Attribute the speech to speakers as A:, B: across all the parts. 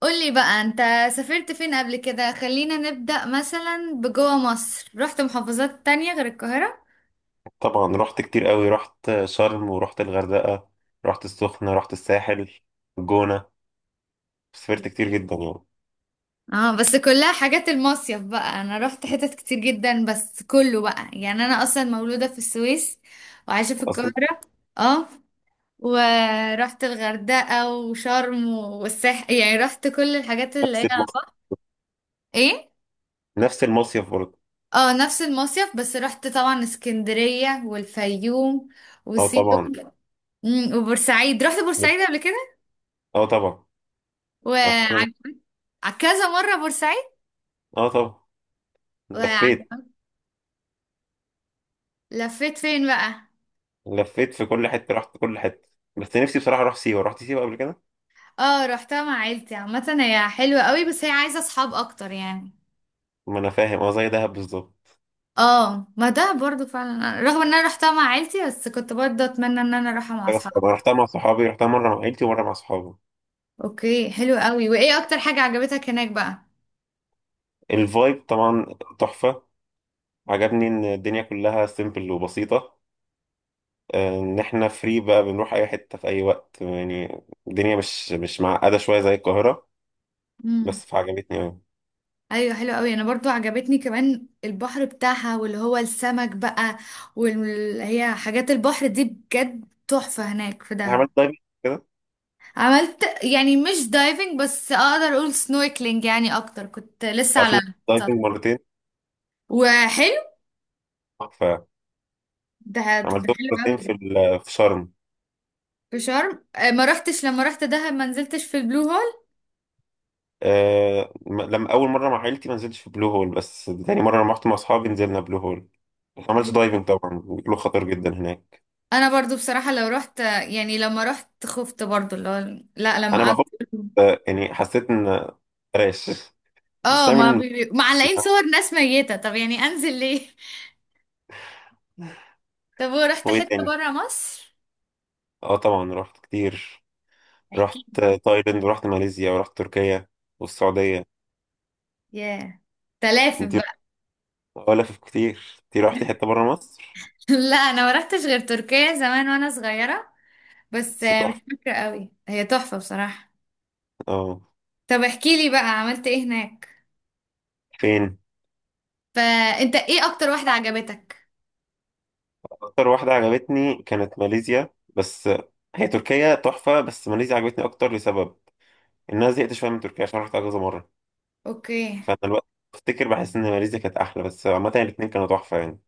A: قولي بقى انت سافرت فين قبل كده؟ خلينا نبدأ مثلا بجوه مصر. رحت محافظات تانية غير القاهرة؟
B: طبعا رحت كتير قوي. رحت شرم ورحت الغردقة، رحت السخنة، رحت الساحل، الجونة. سافرت كتير جدا يعني.
A: اه، بس كلها حاجات المصيف بقى، انا رحت حتت كتير جدا بس كله بقى، يعني انا اصلا مولودة في السويس وعايشة في
B: اصلا
A: القاهرة. اه، ورحت الغردقة وشرم والساحل، يعني رحت كل الحاجات اللي
B: نفس
A: هي على
B: المصيف.
A: البحر. ايه.
B: نفس المصيف برضه.
A: اه، نفس المصيف بس رحت طبعا اسكندرية والفيوم
B: اه
A: وسيوم.
B: طبعا.
A: وبورسعيد، رحت بورسعيد قبل كده.
B: اه طبعا. رحت كذا.
A: وعجبت كذا مرة بورسعيد.
B: اه طبعا. لفيت.
A: وعج- لفيت فين بقى؟
B: لفيت في كل حتة، رحت كل حتة. بس نفسي بصراحة اروح سيوة. رحت سيوة قبل كده.
A: اه، رحتها مع عيلتي، عامة هي حلوة قوي بس هي عايزة اصحاب اكتر يعني.
B: ما انا فاهم، اه زي دهب بالظبط.
A: اه، ما ده برضو فعلا، رغم ان انا رحتها مع عيلتي بس كنت برضو اتمنى ان انا اروحها مع
B: خلاص،
A: اصحابي.
B: أنا رحتها مع صحابي، رحتها مرة مع عيلتي ومرة مع صحابي.
A: اوكي، حلو قوي. وايه اكتر حاجة عجبتك هناك بقى؟
B: الفايب طبعا، تحفة. عجبني ان الدنيا كلها سيمبل وبسيطة. ان احنا فري بقى، بنروح اي حته في اي وقت يعني. الدنيا مش معقده شويه زي القاهره.
A: امم.
B: بس فعجبتني قوي.
A: ايوه، حلو قوي. انا برضو عجبتني كمان البحر بتاعها، واللي هو السمك بقى، واللي هي حاجات البحر دي بجد تحفة هناك في دهب.
B: عملت دايفنج كده.
A: عملت يعني مش دايفنج، بس اقدر اقول سنوركلينج يعني اكتر، كنت لسه
B: تعرف
A: على
B: ان أنا عملت
A: السطح.
B: دايفنج مرتين؟
A: وحلو ده. ده
B: فعملتهم
A: حلو قوي
B: مرتين
A: ده،
B: في شرم.
A: في شرم. ما رحتش. لما رحت دهب ما نزلتش في البلو هول.
B: أه، لما اول مره مع عيلتي ما نزلتش في بلو هول، بس تاني مره لما رحت مع اصحابي نزلنا بلو هول. ما عملتش دايفنج، طبعا بيقولوا خطر جدا هناك.
A: انا برضو بصراحة لو رحت، يعني لما رحت خفت برضو، اللي هو لا لما
B: انا ما خفت.
A: قعدت.
B: يعني حسيت ان بلاش. بس
A: اه،
B: انا
A: ما
B: من
A: بي...
B: نفسي،
A: معلقين
B: فاهم؟
A: صور ناس ميتة، طب يعني انزل ليه؟ طب، ورحت
B: وايه
A: حتة
B: تاني؟
A: برا مصر؟
B: اه طبعا رحت كتير. رحت
A: احكي.
B: تايلاند ورحت ماليزيا ورحت تركيا والسعودية.
A: ياه. تلافف
B: انت
A: بقى.
B: ولف كتير، انت رحتي حتة برا مصر؟
A: لا، انا ما رحتش غير تركيا زمان وانا صغيرة. بس
B: بس
A: مش
B: تحفة،
A: فاكرة قوي، هي تحفة بصراحة.
B: اه.
A: طب احكي لي بقى، عملت ايه هناك؟
B: فين؟
A: فانت ايه اكتر واحدة عجبتك؟
B: اكتر واحدة عجبتني كانت ماليزيا بس. هي تركيا تحفة، بس ماليزيا عجبتني اكتر، لسبب ان انا زهقت شوية من تركيا عشان رحتها كذا مرة.
A: اوكي.
B: فانا الوقت بفتكر بحس ان ماليزيا كانت احلى، بس عامة الاتنين كانوا تحفة يعني.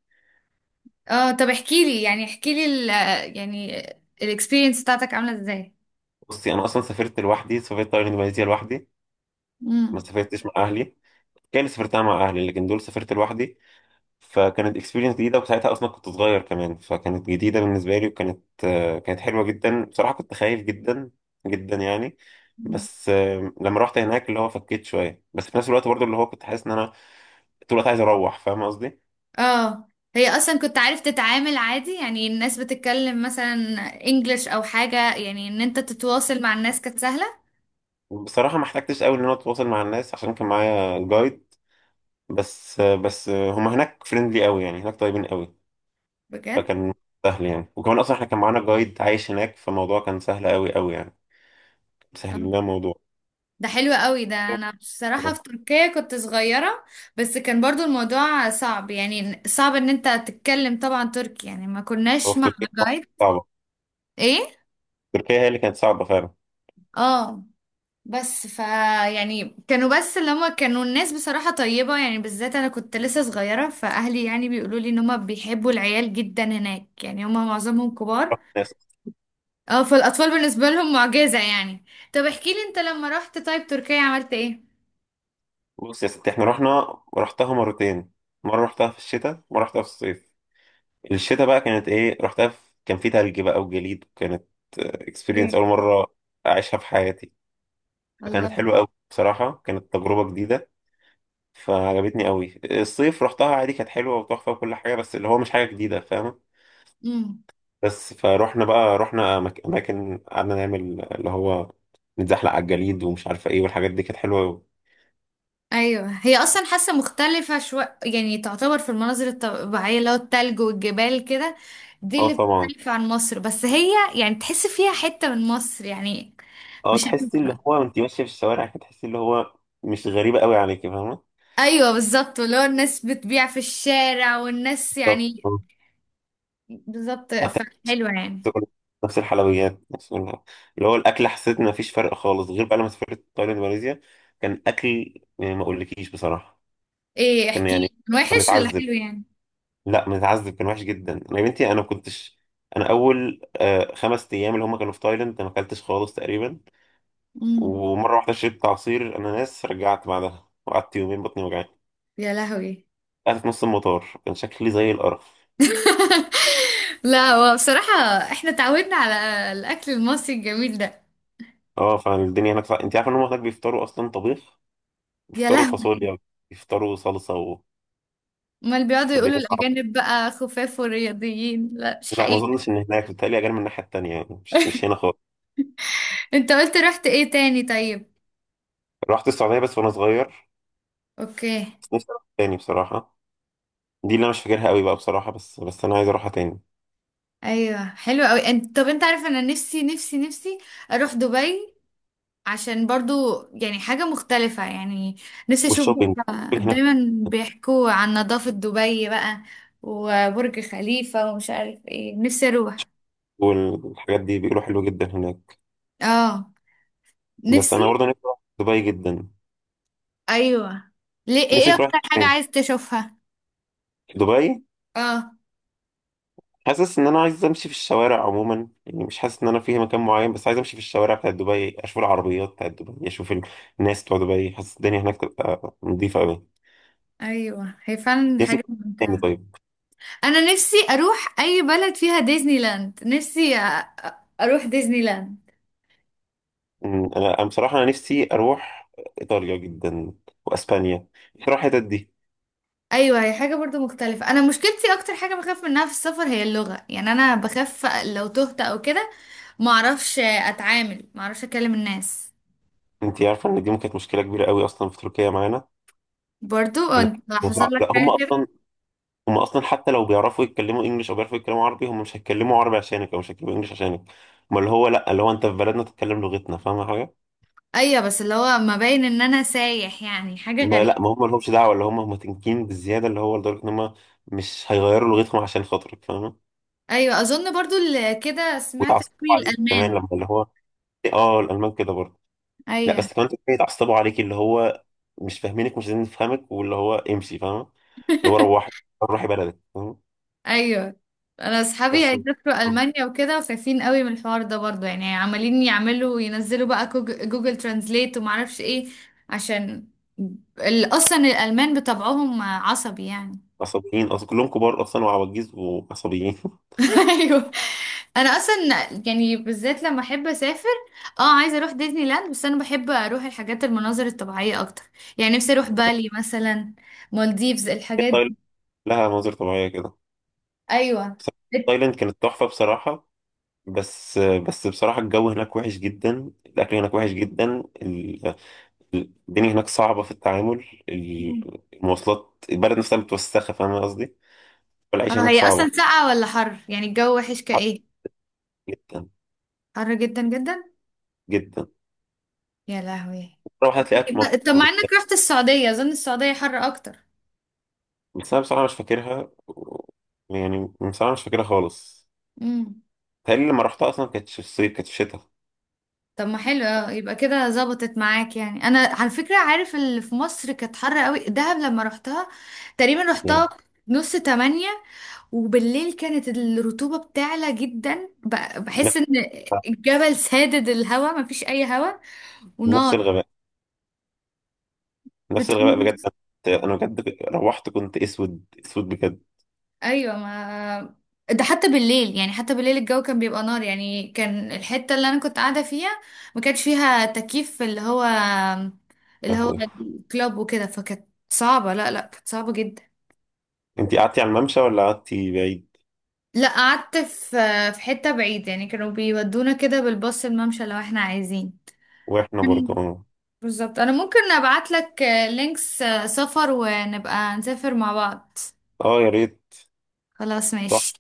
A: اه، طب احكي لي، يعني احكي لي يعني الاكسبيرينس بتاعتك عاملة ازاي؟
B: بصي، انا اصلا سافرت لوحدي، سافرت تايلاند وماليزيا لوحدي. ما
A: امم.
B: سافرتش مع اهلي. كان سافرتها مع اهلي، لكن دول سافرت لوحدي. فكانت اكسبيرينس جديده، وساعتها اصلا كنت صغير كمان، فكانت جديده بالنسبه لي، وكانت كانت حلوه جدا بصراحه. كنت خايف جدا جدا يعني. بس آه، لما رحت هناك اللي هو فكيت شويه، بس في نفس الوقت برضو اللي هو كنت حاسس ان انا طول الوقت عايز اروح. فاهم قصدي؟
A: اه، هي اصلا كنت عارف تتعامل عادي؟ يعني الناس بتتكلم مثلا انجلش او حاجة، يعني ان انت تتواصل مع الناس كانت سهلة؟
B: بصراحه ما احتجتش قوي ان انا اتواصل مع الناس عشان كان معايا جايد. بس آه، بس آه، هما هناك فريندلي قوي يعني، هناك طيبين قوي.
A: بجد؟
B: فكان سهل يعني. وكمان اصلا احنا كان معانا جايد عايش هناك، فالموضوع كان سهل قوي قوي يعني. سهل لنا الموضوع.
A: ده حلو قوي ده. انا بصراحة في تركيا كنت صغيرة، بس كان برضو الموضوع صعب، يعني صعب ان انت تتكلم طبعا تركي، يعني ما
B: هو
A: كناش
B: في
A: مع
B: تركيا
A: جايد.
B: صعبة.
A: ايه.
B: تركيا هي اللي كانت صعبة فعلا.
A: اه، بس يعني كانوا بس اللي هما كانوا الناس بصراحة طيبة، يعني بالذات انا كنت لسه صغيرة، فاهلي يعني بيقولوا لي ان هما بيحبوا العيال جدا هناك، يعني هما معظمهم كبار.
B: ناس-
A: اه، فالاطفال بالنسبة لهم معجزة يعني. طب احكي لي انت، لما رحت طيب تركيا عملت ايه؟
B: بص يا ستي، احنا رحنا رحتها مرتين، مرة رحتها في الشتاء ومرة رحتها في الصيف. الشتاء بقى كانت ايه، رحتها في... كان في تلج بقى وجليد، وكانت اكسبيرينس
A: ايه.
B: أول مرة أعيشها في حياتي. كانت
A: الله.
B: حلوة أوي بصراحة، كانت تجربة جديدة، فعجبتني أوي. الصيف رحتها عادي، كانت حلوة وتحفة وكل حاجة، بس اللي هو مش حاجة جديدة، فاهمة؟
A: امم.
B: بس فروحنا بقى، رحنا أماكن قعدنا نعمل اللي هو نتزحلق على الجليد ومش عارفة ايه، والحاجات دي كانت حلوة أوي.
A: ايوه، هي اصلا حاسه مختلفه شويه، يعني تعتبر في المناظر الطبيعيه، اللي هو التلج والجبال كده، دي
B: اه
A: اللي
B: طبعا.
A: بتختلف عن مصر، بس هي يعني تحس فيها حته من مصر يعني.
B: اه
A: مش
B: تحسي اللي
A: هتبقى.
B: هو وانت ماشيه في الشوارع كده تحسي اللي هو مش غريبه قوي عليكي، فاهمه؟
A: ايوه بالظبط، اللي هو الناس بتبيع في الشارع والناس
B: بالظبط،
A: يعني.
B: اه.
A: بالظبط،
B: حتى
A: فحلوه يعني.
B: نفس الحلويات، اللي هو الاكل، حسيت ان مفيش فرق خالص. غير بقى لما سافرت تايلاند وماليزيا، كان اكل يعني ما اقولكيش بصراحه.
A: ايه،
B: كان
A: احكي لي،
B: يعني
A: كان
B: كنا
A: وحش ولا
B: بنتعذب.
A: حلو يعني؟
B: لا بنتعذب، كان وحش جدا. انا يا بنتي انا ما كنتش، انا اول خمس ايام اللي هم كانوا في تايلاند أنا ما اكلتش خالص تقريبا.
A: امم.
B: ومره واحده شربت عصير اناناس، رجعت بعدها وقعدت يومين بطني وجعاني.
A: يا لهوي.
B: قعدت في نص المطار كان شكلي زي القرف.
A: لا، هو بصراحه احنا اتعودنا على الاكل المصري الجميل ده.
B: اه، فالدنيا هناك صع... انت عارف ان هم هناك بيفطروا اصلا طبيخ؟
A: يا
B: بيفطروا
A: لهوي.
B: فاصوليا، بيفطروا صلصه و...
A: امال بيقعدوا يقولوا
B: الدنيا صعبه.
A: الأجانب بقى خفاف ورياضيين؟ لا، مش
B: لا ما
A: حقيقي.
B: اظنش ان هناك، بتهيألي اجل من الناحيه التانيه يعني، مش هنا خالص.
A: انت قلت رحت ايه تاني طيب؟
B: رحت السعوديه بس وانا صغير.
A: اوكي.
B: بس نفسي اروح تاني بصراحه. دي اللي انا مش فاكرها قوي بقى بصراحه، بس انا عايز اروحها تاني.
A: ايوه، حلو قوي. انت طب، انت عارف انا نفسي نفسي نفسي اروح دبي؟ عشان برضو يعني حاجة مختلفة يعني. نفسي اشوف
B: والشوبينج،
A: بقى،
B: الشوبينج هناك
A: دايما بيحكوا عن نظافة دبي بقى، وبرج خليفة ومش عارف ايه. نفسي اروح.
B: والحاجات دي بيقولوا حلوه جدا هناك.
A: اه،
B: بس انا
A: نفسي.
B: برضه نفسي اروح دبي جدا.
A: ايوه. ليه؟ ايه
B: نفسي
A: ايه
B: تروح
A: اكتر حاجة
B: فين؟
A: عايز تشوفها؟
B: دبي.
A: اه.
B: حاسس ان انا عايز امشي في الشوارع عموما يعني، مش حاسس ان انا فيه مكان معين، بس عايز امشي في الشوارع بتاعت دبي، اشوف العربيات بتاعت دبي، اشوف الناس بتوع دبي. حاسس الدنيا هناك تبقى نظيفه قوي.
A: ايوه، هي فعلا
B: نفسي.
A: حاجة
B: تاني
A: ممتعة.
B: طيب.
A: انا نفسي اروح اي بلد فيها ديزني لاند. نفسي أ- اروح ديزني لاند.
B: أمم، انا أنا بصراحه انا نفسي اروح ايطاليا جدا، واسبانيا بصراحه، الحتت دي.
A: ايوه، هي حاجه برضو مختلفه. انا مشكلتي اكتر حاجه بخاف منها في السفر هي اللغه، يعني انا بخاف لو تهت او كده، ما اعرفش اتعامل، ما اعرفش اكلم الناس.
B: انت عارفه ان دي ممكن كانت مشكله كبيره قوي اصلا في تركيا معانا؟
A: برضو
B: كانت
A: انت حصل
B: صعب.
A: لك
B: لا هم
A: حاجه كده؟
B: اصلا، هم اصلا حتى لو بيعرفوا يتكلموا انجلش او بيعرفوا يتكلموا عربي، هم مش هيتكلموا عربي عشانك او مش هيتكلموا انجلش عشانك. ما اللي هو لا، اللي هو انت في بلدنا تتكلم لغتنا، فاهم حاجه؟
A: ايوه، بس اللي هو ما باين ان انا سايح، يعني حاجه
B: ما لا،
A: غريبه.
B: ما هم مالهمش دعوه، اللي هم هم تنكين بالزياده، اللي هو لدرجه ان هم مش هيغيروا لغتهم عشان خاطرك، فاهمه؟
A: ايوه، اظن برضو اللي كده سمعت
B: ويتعصبوا
A: قوي
B: عليك كمان
A: الالمان.
B: لما اللي هو، اه الالمان كده برضه. لا
A: ايوه.
B: بس كمان تلاقيهم يتعصبوا عليك، اللي هو مش فاهمينك مش عايزين نفهمك، واللي هو امشي، فاهمه؟ اللي هو روحي، روحي بلدك، فاهمه؟
A: ايوه، انا اصحابي
B: بس
A: هيسافروا المانيا وكده خايفين قوي من الحوار ده برضو، يعني عمالين يعملوا ينزلوا بقى جوجل ترانزليت وما اعرفش ايه، عشان اصلا الالمان بطبعهم عصبي يعني.
B: عصبيين، اصل كلهم كبار اصلا وعواجيز وعصبيين.
A: ايوه. انا اصلا يعني بالذات لما احب اسافر، اه عايزه اروح ديزني لاند بس انا بحب اروح الحاجات المناظر الطبيعيه اكتر، يعني نفسي اروح بالي مثلا، مالديفز،
B: هي
A: الحاجات دي.
B: تايلاند لها مناظر طبيعيه كده،
A: ايوه.
B: بس تايلاند كانت تحفه بصراحه. بس بس بصراحه الجو هناك وحش جدا، الاكل هناك وحش جدا، الدنيا هناك صعبة في التعامل، المواصلات، البلد نفسها متوسخة، فاهم قصدي؟ والعيشة
A: اه،
B: هناك
A: هي
B: صعبة.
A: اصلا ساقعه ولا حر؟ يعني الجو وحش
B: حر
A: كايه؟
B: جدا
A: حر جدا جدا.
B: جدا.
A: يا لهوي.
B: مرة واحدة هتلاقيها
A: طب، مع
B: تمطر.
A: انك رحت السعودية، اظن السعودية حر اكتر.
B: بس أنا بصراحة مش فاكرها يعني بصراحة مش فاكرها خالص.
A: امم.
B: بيتهيألي لما رحتها أصلا كانت في الصيف، كانت في الشتاء
A: طب ما حلو. اه، يبقى كده ظبطت معاك. يعني انا على فكرة، عارف اللي في مصر كانت حر قوي، دهب لما رحتها تقريبا
B: يعني.
A: رحتها 7:30، وبالليل كانت الرطوبة بتعلى جدا، بحس
B: نفس
A: ان الجبل سادد الهوا، مفيش اي هوا
B: نفس
A: ونار.
B: الغباء، نفس الغباء
A: بتقول؟
B: بجد. أنا بجد روحت كنت أسود أسود بجد.
A: ايوه، ما ده حتى بالليل، يعني حتى بالليل الجو كان بيبقى نار، يعني كان الحته اللي انا كنت قاعده فيها ما كانش فيها تكييف، اللي هو الكلاب وكده، فكانت صعبه، لا لا كانت صعبه جدا.
B: أنت قعدتي على الممشى ولا قعدتي بعيد؟
A: لا، قعدت في حته بعيد، يعني كانوا بيودونا كده بالباص الممشى لو احنا عايزين.
B: وإحنا برضه
A: مم.
B: أه.
A: بالظبط، انا ممكن ابعت لك لينكس، سفر، ونبقى نسافر مع بعض.
B: يا ريت.
A: خلاص، ماشي.